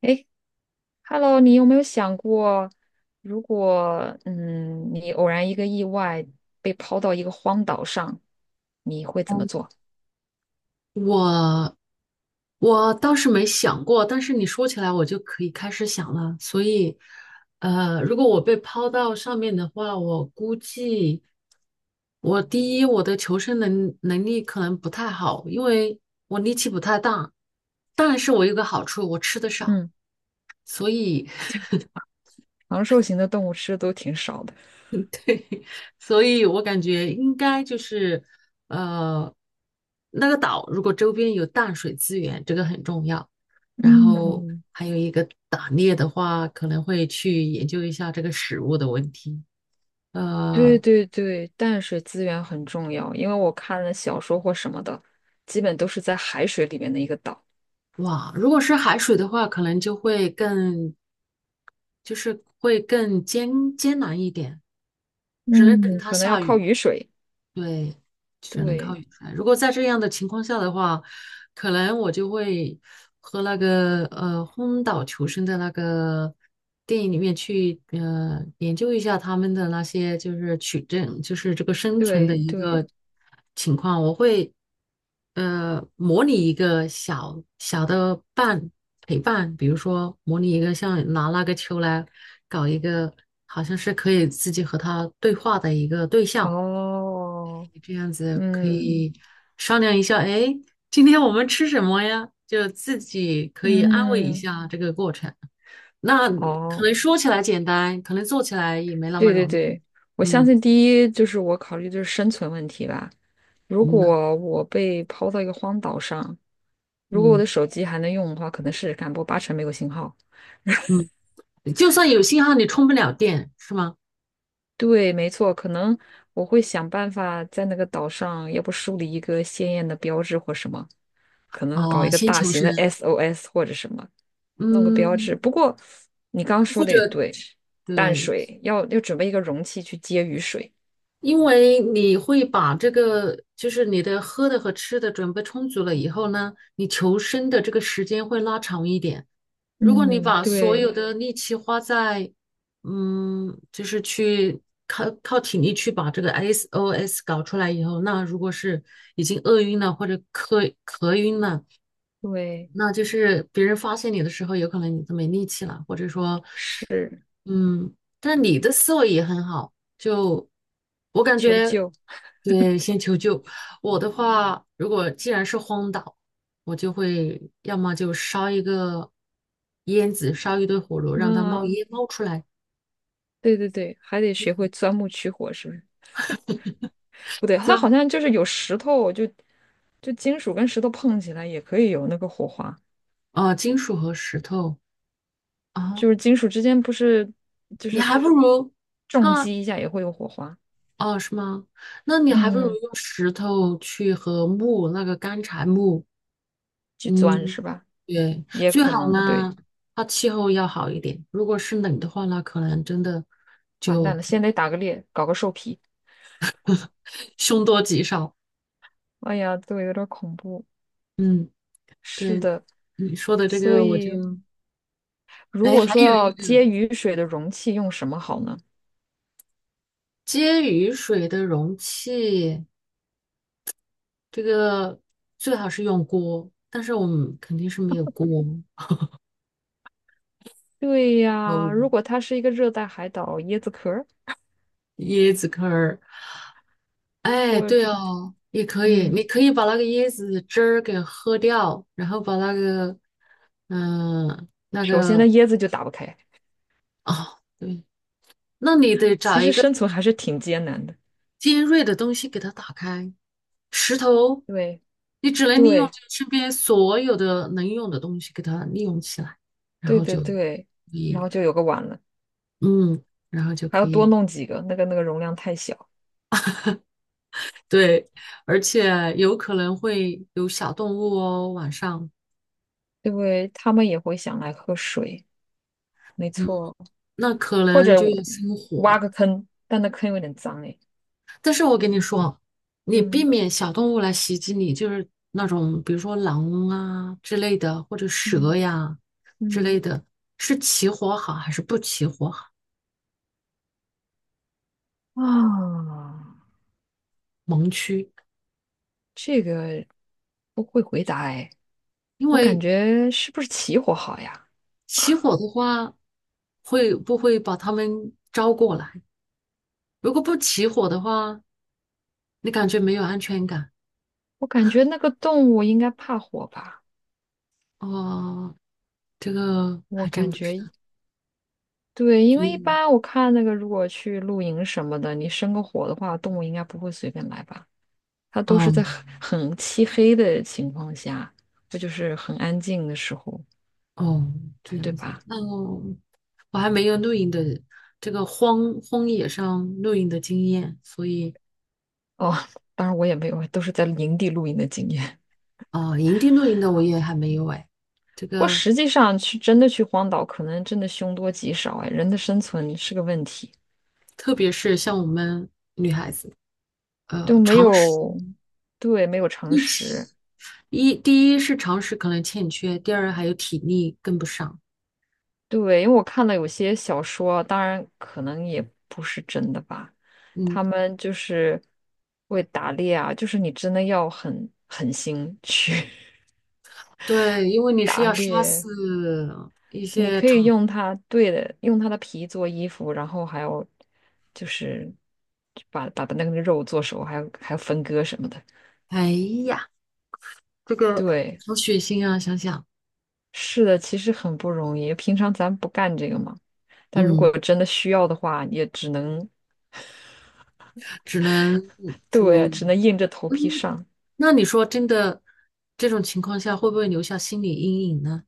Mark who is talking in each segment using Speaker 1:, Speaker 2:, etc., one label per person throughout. Speaker 1: 诶 h e l l o 你有没有想过，如果你偶然一个意外被抛到一个荒岛上，你会怎么
Speaker 2: 嗯，
Speaker 1: 做？
Speaker 2: 我我倒是没想过，但是你说起来，我就可以开始想了。所以，如果我被抛到上面的话，我估计我第一，我的求生能力可能不太好，因为我力气不太大。但是我有个好处，我吃的少，
Speaker 1: 嗯，
Speaker 2: 所以
Speaker 1: 长寿型的动物吃的都挺少的。
Speaker 2: 所以我感觉应该就是，呃，那个岛如果周边有淡水资源，这个很重要。然后
Speaker 1: 嗯，
Speaker 2: 还有一个打猎的话，可能会去研究一下这个食物的问题。
Speaker 1: 对
Speaker 2: 呃，
Speaker 1: 对对，淡水资源很重要，因为我看了小说或什么的，基本都是在海水里面的一个岛。
Speaker 2: 哇，如果是海水的话，可能就会更，就是会更艰难一点，只能等
Speaker 1: 嗯，
Speaker 2: 它
Speaker 1: 可能要
Speaker 2: 下
Speaker 1: 靠
Speaker 2: 雨。
Speaker 1: 雨水。
Speaker 2: 对，只能靠
Speaker 1: 对
Speaker 2: 远赛。如果在这样的情况下的话，可能我就会和那个荒岛求生的那个电影里面去研究一下他们的那些就是取证，就是这个生存
Speaker 1: 对
Speaker 2: 的一
Speaker 1: 对，
Speaker 2: 个情况。我会模拟一个小小的伴陪伴，比如说模拟一个像拿那个球来搞一个，好像是可以自己和他对话的一个对象。
Speaker 1: 哦，
Speaker 2: 这样子可
Speaker 1: 嗯
Speaker 2: 以商量一下，哎，今天我们吃什么呀？就自己可以安慰一
Speaker 1: 嗯，
Speaker 2: 下这个过程。那可
Speaker 1: 哦。
Speaker 2: 能说起来简单，可能做起来也没那么
Speaker 1: 对对
Speaker 2: 容易。
Speaker 1: 对，我相
Speaker 2: 嗯
Speaker 1: 信第一就是我考虑的是生存问题吧。如
Speaker 2: 嗯
Speaker 1: 果我被抛到一个荒岛上，如果我
Speaker 2: 嗯
Speaker 1: 的手机还能用的话，可能是试看，不过八成没有信号。
Speaker 2: 嗯，就算有信号，你充不了电，是吗？
Speaker 1: 对，没错，可能我会想办法在那个岛上，要不树立一个鲜艳的标志或什么，可能搞
Speaker 2: 啊、
Speaker 1: 一个
Speaker 2: 先
Speaker 1: 大
Speaker 2: 求
Speaker 1: 型的
Speaker 2: 生。
Speaker 1: SOS 或者什么，弄个标
Speaker 2: 嗯，
Speaker 1: 志。不过你刚刚说
Speaker 2: 或
Speaker 1: 的也
Speaker 2: 者
Speaker 1: 对，淡
Speaker 2: 对，
Speaker 1: 水要准备一个容器去接雨水。
Speaker 2: 因为你会把这个，就是你的喝的和吃的准备充足了以后呢，你求生的这个时间会拉长一点。如果你
Speaker 1: 嗯，
Speaker 2: 把所
Speaker 1: 对
Speaker 2: 有的力气花在，嗯，就是去靠体力去把这个 SOS 搞出来以后，那如果是已经饿晕了或者渴晕了，
Speaker 1: 对。
Speaker 2: 那就是别人发现你的时候，有可能你都没力气了，或者说，
Speaker 1: 是。
Speaker 2: 嗯，但你的思维也很好，就我感
Speaker 1: 求
Speaker 2: 觉，
Speaker 1: 救
Speaker 2: 对，先求救。我的话，如果既然是荒岛，我就会要么就烧一个烟子，烧一堆火炉，让它冒
Speaker 1: 啊，
Speaker 2: 烟冒出来。
Speaker 1: 对对对，还得学会钻木取火，是不是？不对，
Speaker 2: 对，
Speaker 1: 它好像就是有石头，就金属跟石头碰起来也可以有那个火花，
Speaker 2: 金属和石头啊，
Speaker 1: 就是金属之间不是就
Speaker 2: 你
Speaker 1: 是
Speaker 2: 还不如
Speaker 1: 重
Speaker 2: 它
Speaker 1: 击一下也会有火花，
Speaker 2: 哦，是吗？那你还不如
Speaker 1: 嗯，
Speaker 2: 用石头去和木那个干柴木。
Speaker 1: 去钻
Speaker 2: 嗯，
Speaker 1: 是吧？
Speaker 2: 对，
Speaker 1: 也
Speaker 2: 最
Speaker 1: 可
Speaker 2: 好
Speaker 1: 能
Speaker 2: 呢，
Speaker 1: 对，
Speaker 2: 它气候要好一点。如果是冷的话呢，可能真的
Speaker 1: 完蛋
Speaker 2: 就
Speaker 1: 了，先得打个猎，搞个兽皮，
Speaker 2: 凶多吉少。
Speaker 1: 哎呀，对，有点恐怖。
Speaker 2: 嗯，
Speaker 1: 是
Speaker 2: 对，
Speaker 1: 的，
Speaker 2: 你说的这
Speaker 1: 所
Speaker 2: 个我就，
Speaker 1: 以如
Speaker 2: 哎，
Speaker 1: 果
Speaker 2: 还
Speaker 1: 说
Speaker 2: 有
Speaker 1: 要
Speaker 2: 一个
Speaker 1: 接雨水的容器用什么好呢？
Speaker 2: 接雨水的容器，这个最好是用锅，但是我们肯定是没有锅，
Speaker 1: 对呀，
Speaker 2: 有
Speaker 1: 如果它是一个热带海岛，椰子壳儿，
Speaker 2: 椰子壳儿。哎，
Speaker 1: 我
Speaker 2: 对
Speaker 1: 只
Speaker 2: 哦，也可以，你
Speaker 1: 嗯，
Speaker 2: 可以把那个椰子汁儿给喝掉，然后把那个，嗯、
Speaker 1: 首先那椰子就打不开，
Speaker 2: 哦，对，那你得找
Speaker 1: 其
Speaker 2: 一
Speaker 1: 实
Speaker 2: 个
Speaker 1: 生存还是挺艰难的。
Speaker 2: 尖锐的东西给它打开。石头，
Speaker 1: 对
Speaker 2: 你只能利用就
Speaker 1: 对
Speaker 2: 身边所有的能用的东西给它利用起来，然
Speaker 1: 对
Speaker 2: 后
Speaker 1: 对
Speaker 2: 就
Speaker 1: 对，然后就有个碗了，
Speaker 2: 嗯，然后就
Speaker 1: 还
Speaker 2: 可
Speaker 1: 要多
Speaker 2: 以
Speaker 1: 弄几个，那个那个容量太小，
Speaker 2: 对，而且有可能会有小动物哦，晚上
Speaker 1: 对，他们也会想来喝水，没
Speaker 2: 嗯，
Speaker 1: 错，
Speaker 2: 那可
Speaker 1: 或
Speaker 2: 能
Speaker 1: 者
Speaker 2: 就
Speaker 1: 我
Speaker 2: 要生
Speaker 1: 挖
Speaker 2: 火。
Speaker 1: 个坑，但那坑有点脏哎，
Speaker 2: 但是我跟你说，你避
Speaker 1: 嗯
Speaker 2: 免小动物来袭击你，就是那种比如说狼啊之类的，或者蛇
Speaker 1: 嗯
Speaker 2: 呀之类
Speaker 1: 嗯
Speaker 2: 的，是起火好还是不起火好？
Speaker 1: 啊，
Speaker 2: 盲区，
Speaker 1: 这个不会回答哎，
Speaker 2: 因
Speaker 1: 我感
Speaker 2: 为
Speaker 1: 觉是不是起火好呀？
Speaker 2: 起火的话，会不会把它们招过来？如果不起火的话，你感觉没有安全感。
Speaker 1: 我感觉那个动物应该怕火吧？
Speaker 2: 哦，这个
Speaker 1: 我
Speaker 2: 还真
Speaker 1: 感
Speaker 2: 不知
Speaker 1: 觉
Speaker 2: 道。
Speaker 1: 对，因
Speaker 2: 所
Speaker 1: 为一
Speaker 2: 以，
Speaker 1: 般我看那个，如果去露营什么的，你生个火的话，动物应该不会随便来吧？它都是
Speaker 2: 哦
Speaker 1: 在很漆黑的情况下，这就是很安静的时候，
Speaker 2: 哦，这
Speaker 1: 对
Speaker 2: 样子，
Speaker 1: 吧？
Speaker 2: 那我还没有露营的这个荒野上露营的经验，所以
Speaker 1: 哦，当然我也没有，都是在营地露营的经验。
Speaker 2: 啊，营地露营的我也还没有哎。这
Speaker 1: 不过
Speaker 2: 个
Speaker 1: 实际上真的去荒岛，可能真的凶多吉少哎，人的生存是个问题，
Speaker 2: 特别是像我们女孩子，呃，
Speaker 1: 就没
Speaker 2: 常识
Speaker 1: 有，对，没有常
Speaker 2: 一
Speaker 1: 识。
Speaker 2: 起一第一是常识可能欠缺，第二还有体力跟不上。
Speaker 1: 对，因为我看了有些小说，当然可能也不是真的吧，
Speaker 2: 嗯，
Speaker 1: 他们就是会打猎啊，就是你真的要很狠心去
Speaker 2: 对，因为 你是
Speaker 1: 打
Speaker 2: 要杀死
Speaker 1: 猎，
Speaker 2: 一
Speaker 1: 你
Speaker 2: 些
Speaker 1: 可以
Speaker 2: 长，
Speaker 1: 用它，对的，用它的皮做衣服，然后还有就是把那个肉做熟，还有分割什么的。
Speaker 2: 哎呀，这个
Speaker 1: 对，
Speaker 2: 好血腥啊！想想，
Speaker 1: 是的，其实很不容易，平常咱不干这个嘛，但如
Speaker 2: 嗯，
Speaker 1: 果真的需要的话，也只能
Speaker 2: 只能
Speaker 1: 对，
Speaker 2: 就
Speaker 1: 只能硬着头皮上。
Speaker 2: 那你说真的，这种情况下会不会留下心理阴影呢？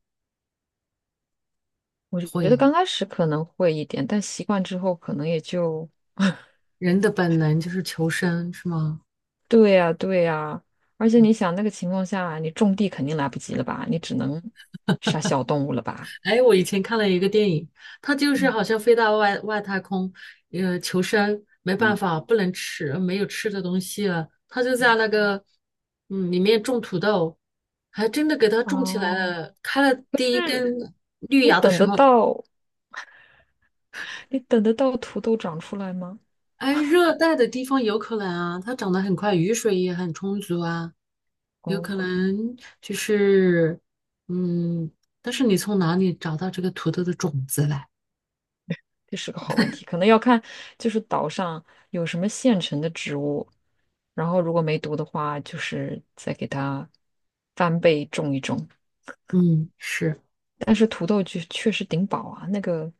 Speaker 1: 我觉
Speaker 2: 会
Speaker 1: 得
Speaker 2: 啊，
Speaker 1: 刚开始可能会一点，但习惯之后可能也就，
Speaker 2: 人的本能就是求生，是吗？
Speaker 1: 对呀，对呀。而且
Speaker 2: 对。
Speaker 1: 你想那个情况下，你种地肯定来不及了吧？你只能杀小动物了吧？
Speaker 2: 哎，我以前看了一个电影，它就是
Speaker 1: 嗯，
Speaker 2: 好像飞到外太空，求生，没办法，不能吃，没有吃的东西了，他就在那个里面种土豆，还真的给它种起来
Speaker 1: 哦，
Speaker 2: 了，开了第一
Speaker 1: 是
Speaker 2: 根绿
Speaker 1: 你
Speaker 2: 芽的
Speaker 1: 等
Speaker 2: 时
Speaker 1: 得
Speaker 2: 候，
Speaker 1: 到，你等得到土豆长出来吗？
Speaker 2: 哎，热带的地方有可能啊，它长得很快，雨水也很充足啊。有
Speaker 1: 哦，
Speaker 2: 可能就是，嗯，但是你从哪里找到这个土豆的种子来？
Speaker 1: 这是个好问题，可能要看就是岛上有什么现成的植物，然后如果没毒的话，就是再给它翻倍种一种。
Speaker 2: 嗯，是，
Speaker 1: 但是土豆确实顶饱啊，那个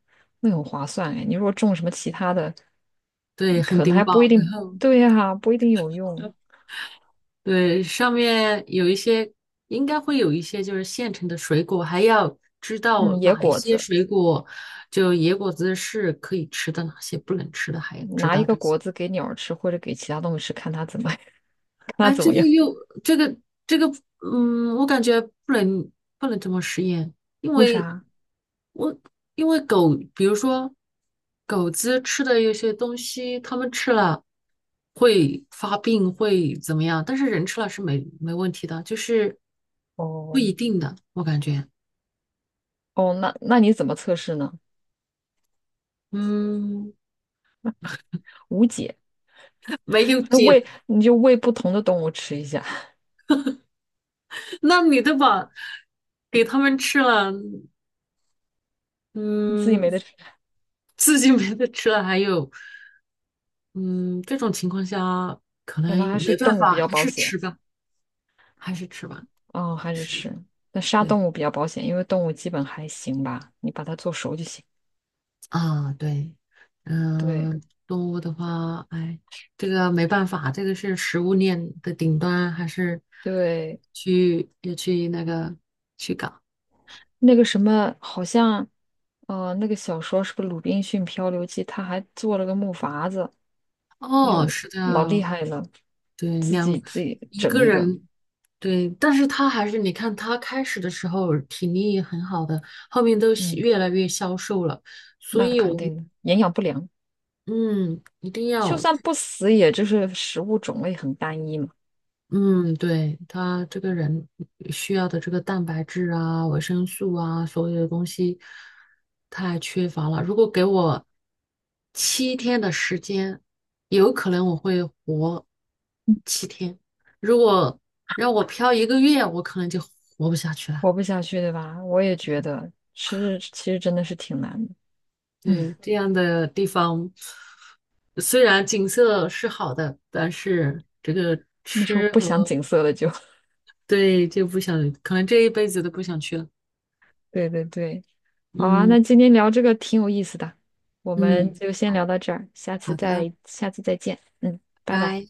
Speaker 1: 那个很划算哎。你如果种什么其他的，
Speaker 2: 对，很
Speaker 1: 可能
Speaker 2: 顶
Speaker 1: 还不一
Speaker 2: 饱。然
Speaker 1: 定，
Speaker 2: 后，
Speaker 1: 对呀、不一定有用。
Speaker 2: 对，上面有一些，应该会有一些就是现成的水果，还要知道
Speaker 1: 嗯，野
Speaker 2: 哪一
Speaker 1: 果
Speaker 2: 些
Speaker 1: 子，
Speaker 2: 水果，就野果子是可以吃的，哪些不能吃的，还要知
Speaker 1: 拿
Speaker 2: 道
Speaker 1: 一个
Speaker 2: 这些。
Speaker 1: 果子给鸟儿吃，或者给其他动物吃，看它怎么 看它
Speaker 2: 哎，
Speaker 1: 怎
Speaker 2: 这
Speaker 1: 么
Speaker 2: 个
Speaker 1: 样。
Speaker 2: 又这个这个，嗯，我感觉不能不能这么实验，因
Speaker 1: 为
Speaker 2: 为
Speaker 1: 啥？
Speaker 2: 我因为狗，比如说狗子吃的有些东西，它们吃了会发病，会怎么样？但是人吃了是没问题的，就是不
Speaker 1: 哦
Speaker 2: 一定的，我感觉，
Speaker 1: 哦，那你怎么测试呢？
Speaker 2: 嗯，
Speaker 1: 无解。
Speaker 2: 没有
Speaker 1: 那喂，
Speaker 2: 解。
Speaker 1: 你就喂不同的动物吃一下，
Speaker 2: 那你都把给它们吃了，
Speaker 1: 你自己没
Speaker 2: 嗯，
Speaker 1: 得吃，
Speaker 2: 自己没得吃了，还有，嗯，这种情况下
Speaker 1: 可能
Speaker 2: 嗯
Speaker 1: 还是
Speaker 2: 没办
Speaker 1: 动物
Speaker 2: 法，
Speaker 1: 比较
Speaker 2: 还
Speaker 1: 保
Speaker 2: 是
Speaker 1: 险。
Speaker 2: 吃吧，还是吃吧，
Speaker 1: 哦，
Speaker 2: 就
Speaker 1: 还是
Speaker 2: 是
Speaker 1: 吃。那杀
Speaker 2: 对
Speaker 1: 动物比较保险，因为动物基本还行吧，你把它做熟就行。
Speaker 2: 啊，对，
Speaker 1: 对。
Speaker 2: 嗯、动物的话，哎，这个没办法，这个是食物链的顶端，还是
Speaker 1: 对，
Speaker 2: 去要去那个去搞。
Speaker 1: 那个什么，好像，那个小说是个《鲁滨逊漂流记》，他还做了个木筏子，
Speaker 2: 哦，
Speaker 1: 就
Speaker 2: 是
Speaker 1: 老厉
Speaker 2: 的，
Speaker 1: 害了，
Speaker 2: 对，
Speaker 1: 自己
Speaker 2: 两
Speaker 1: 自己
Speaker 2: 一
Speaker 1: 整
Speaker 2: 个
Speaker 1: 一个，
Speaker 2: 人对，但是他还是，你看他开始的时候体力也很好的，后面都是
Speaker 1: 嗯，
Speaker 2: 越来越消瘦了，所
Speaker 1: 那
Speaker 2: 以
Speaker 1: 肯
Speaker 2: 我们
Speaker 1: 定的，营养不良，
Speaker 2: 嗯一定
Speaker 1: 就
Speaker 2: 要
Speaker 1: 算不死，也就是食物种类很单一嘛，
Speaker 2: 嗯，对，他这个人需要的这个蛋白质啊、维生素啊，所有的东西太缺乏了。如果给我七天的时间，有可能我会活七天；如果让我漂一个月，我可能就活不下去了。
Speaker 1: 活不下去，对吧？我也觉得吃，其实真的是挺难的，嗯，
Speaker 2: 对，这样的地方，虽然景色是好的，但是这个
Speaker 1: 那时候
Speaker 2: 吃
Speaker 1: 不想
Speaker 2: 和
Speaker 1: 景色了就，
Speaker 2: 对就不想，可能这一辈子都不想去了。
Speaker 1: 对对对，好啊，
Speaker 2: 嗯
Speaker 1: 那今天聊这个挺有意思的，我们
Speaker 2: 嗯，
Speaker 1: 就先聊到这儿，下次
Speaker 2: 好的，
Speaker 1: 再下次再见，嗯，拜拜。
Speaker 2: 拜拜。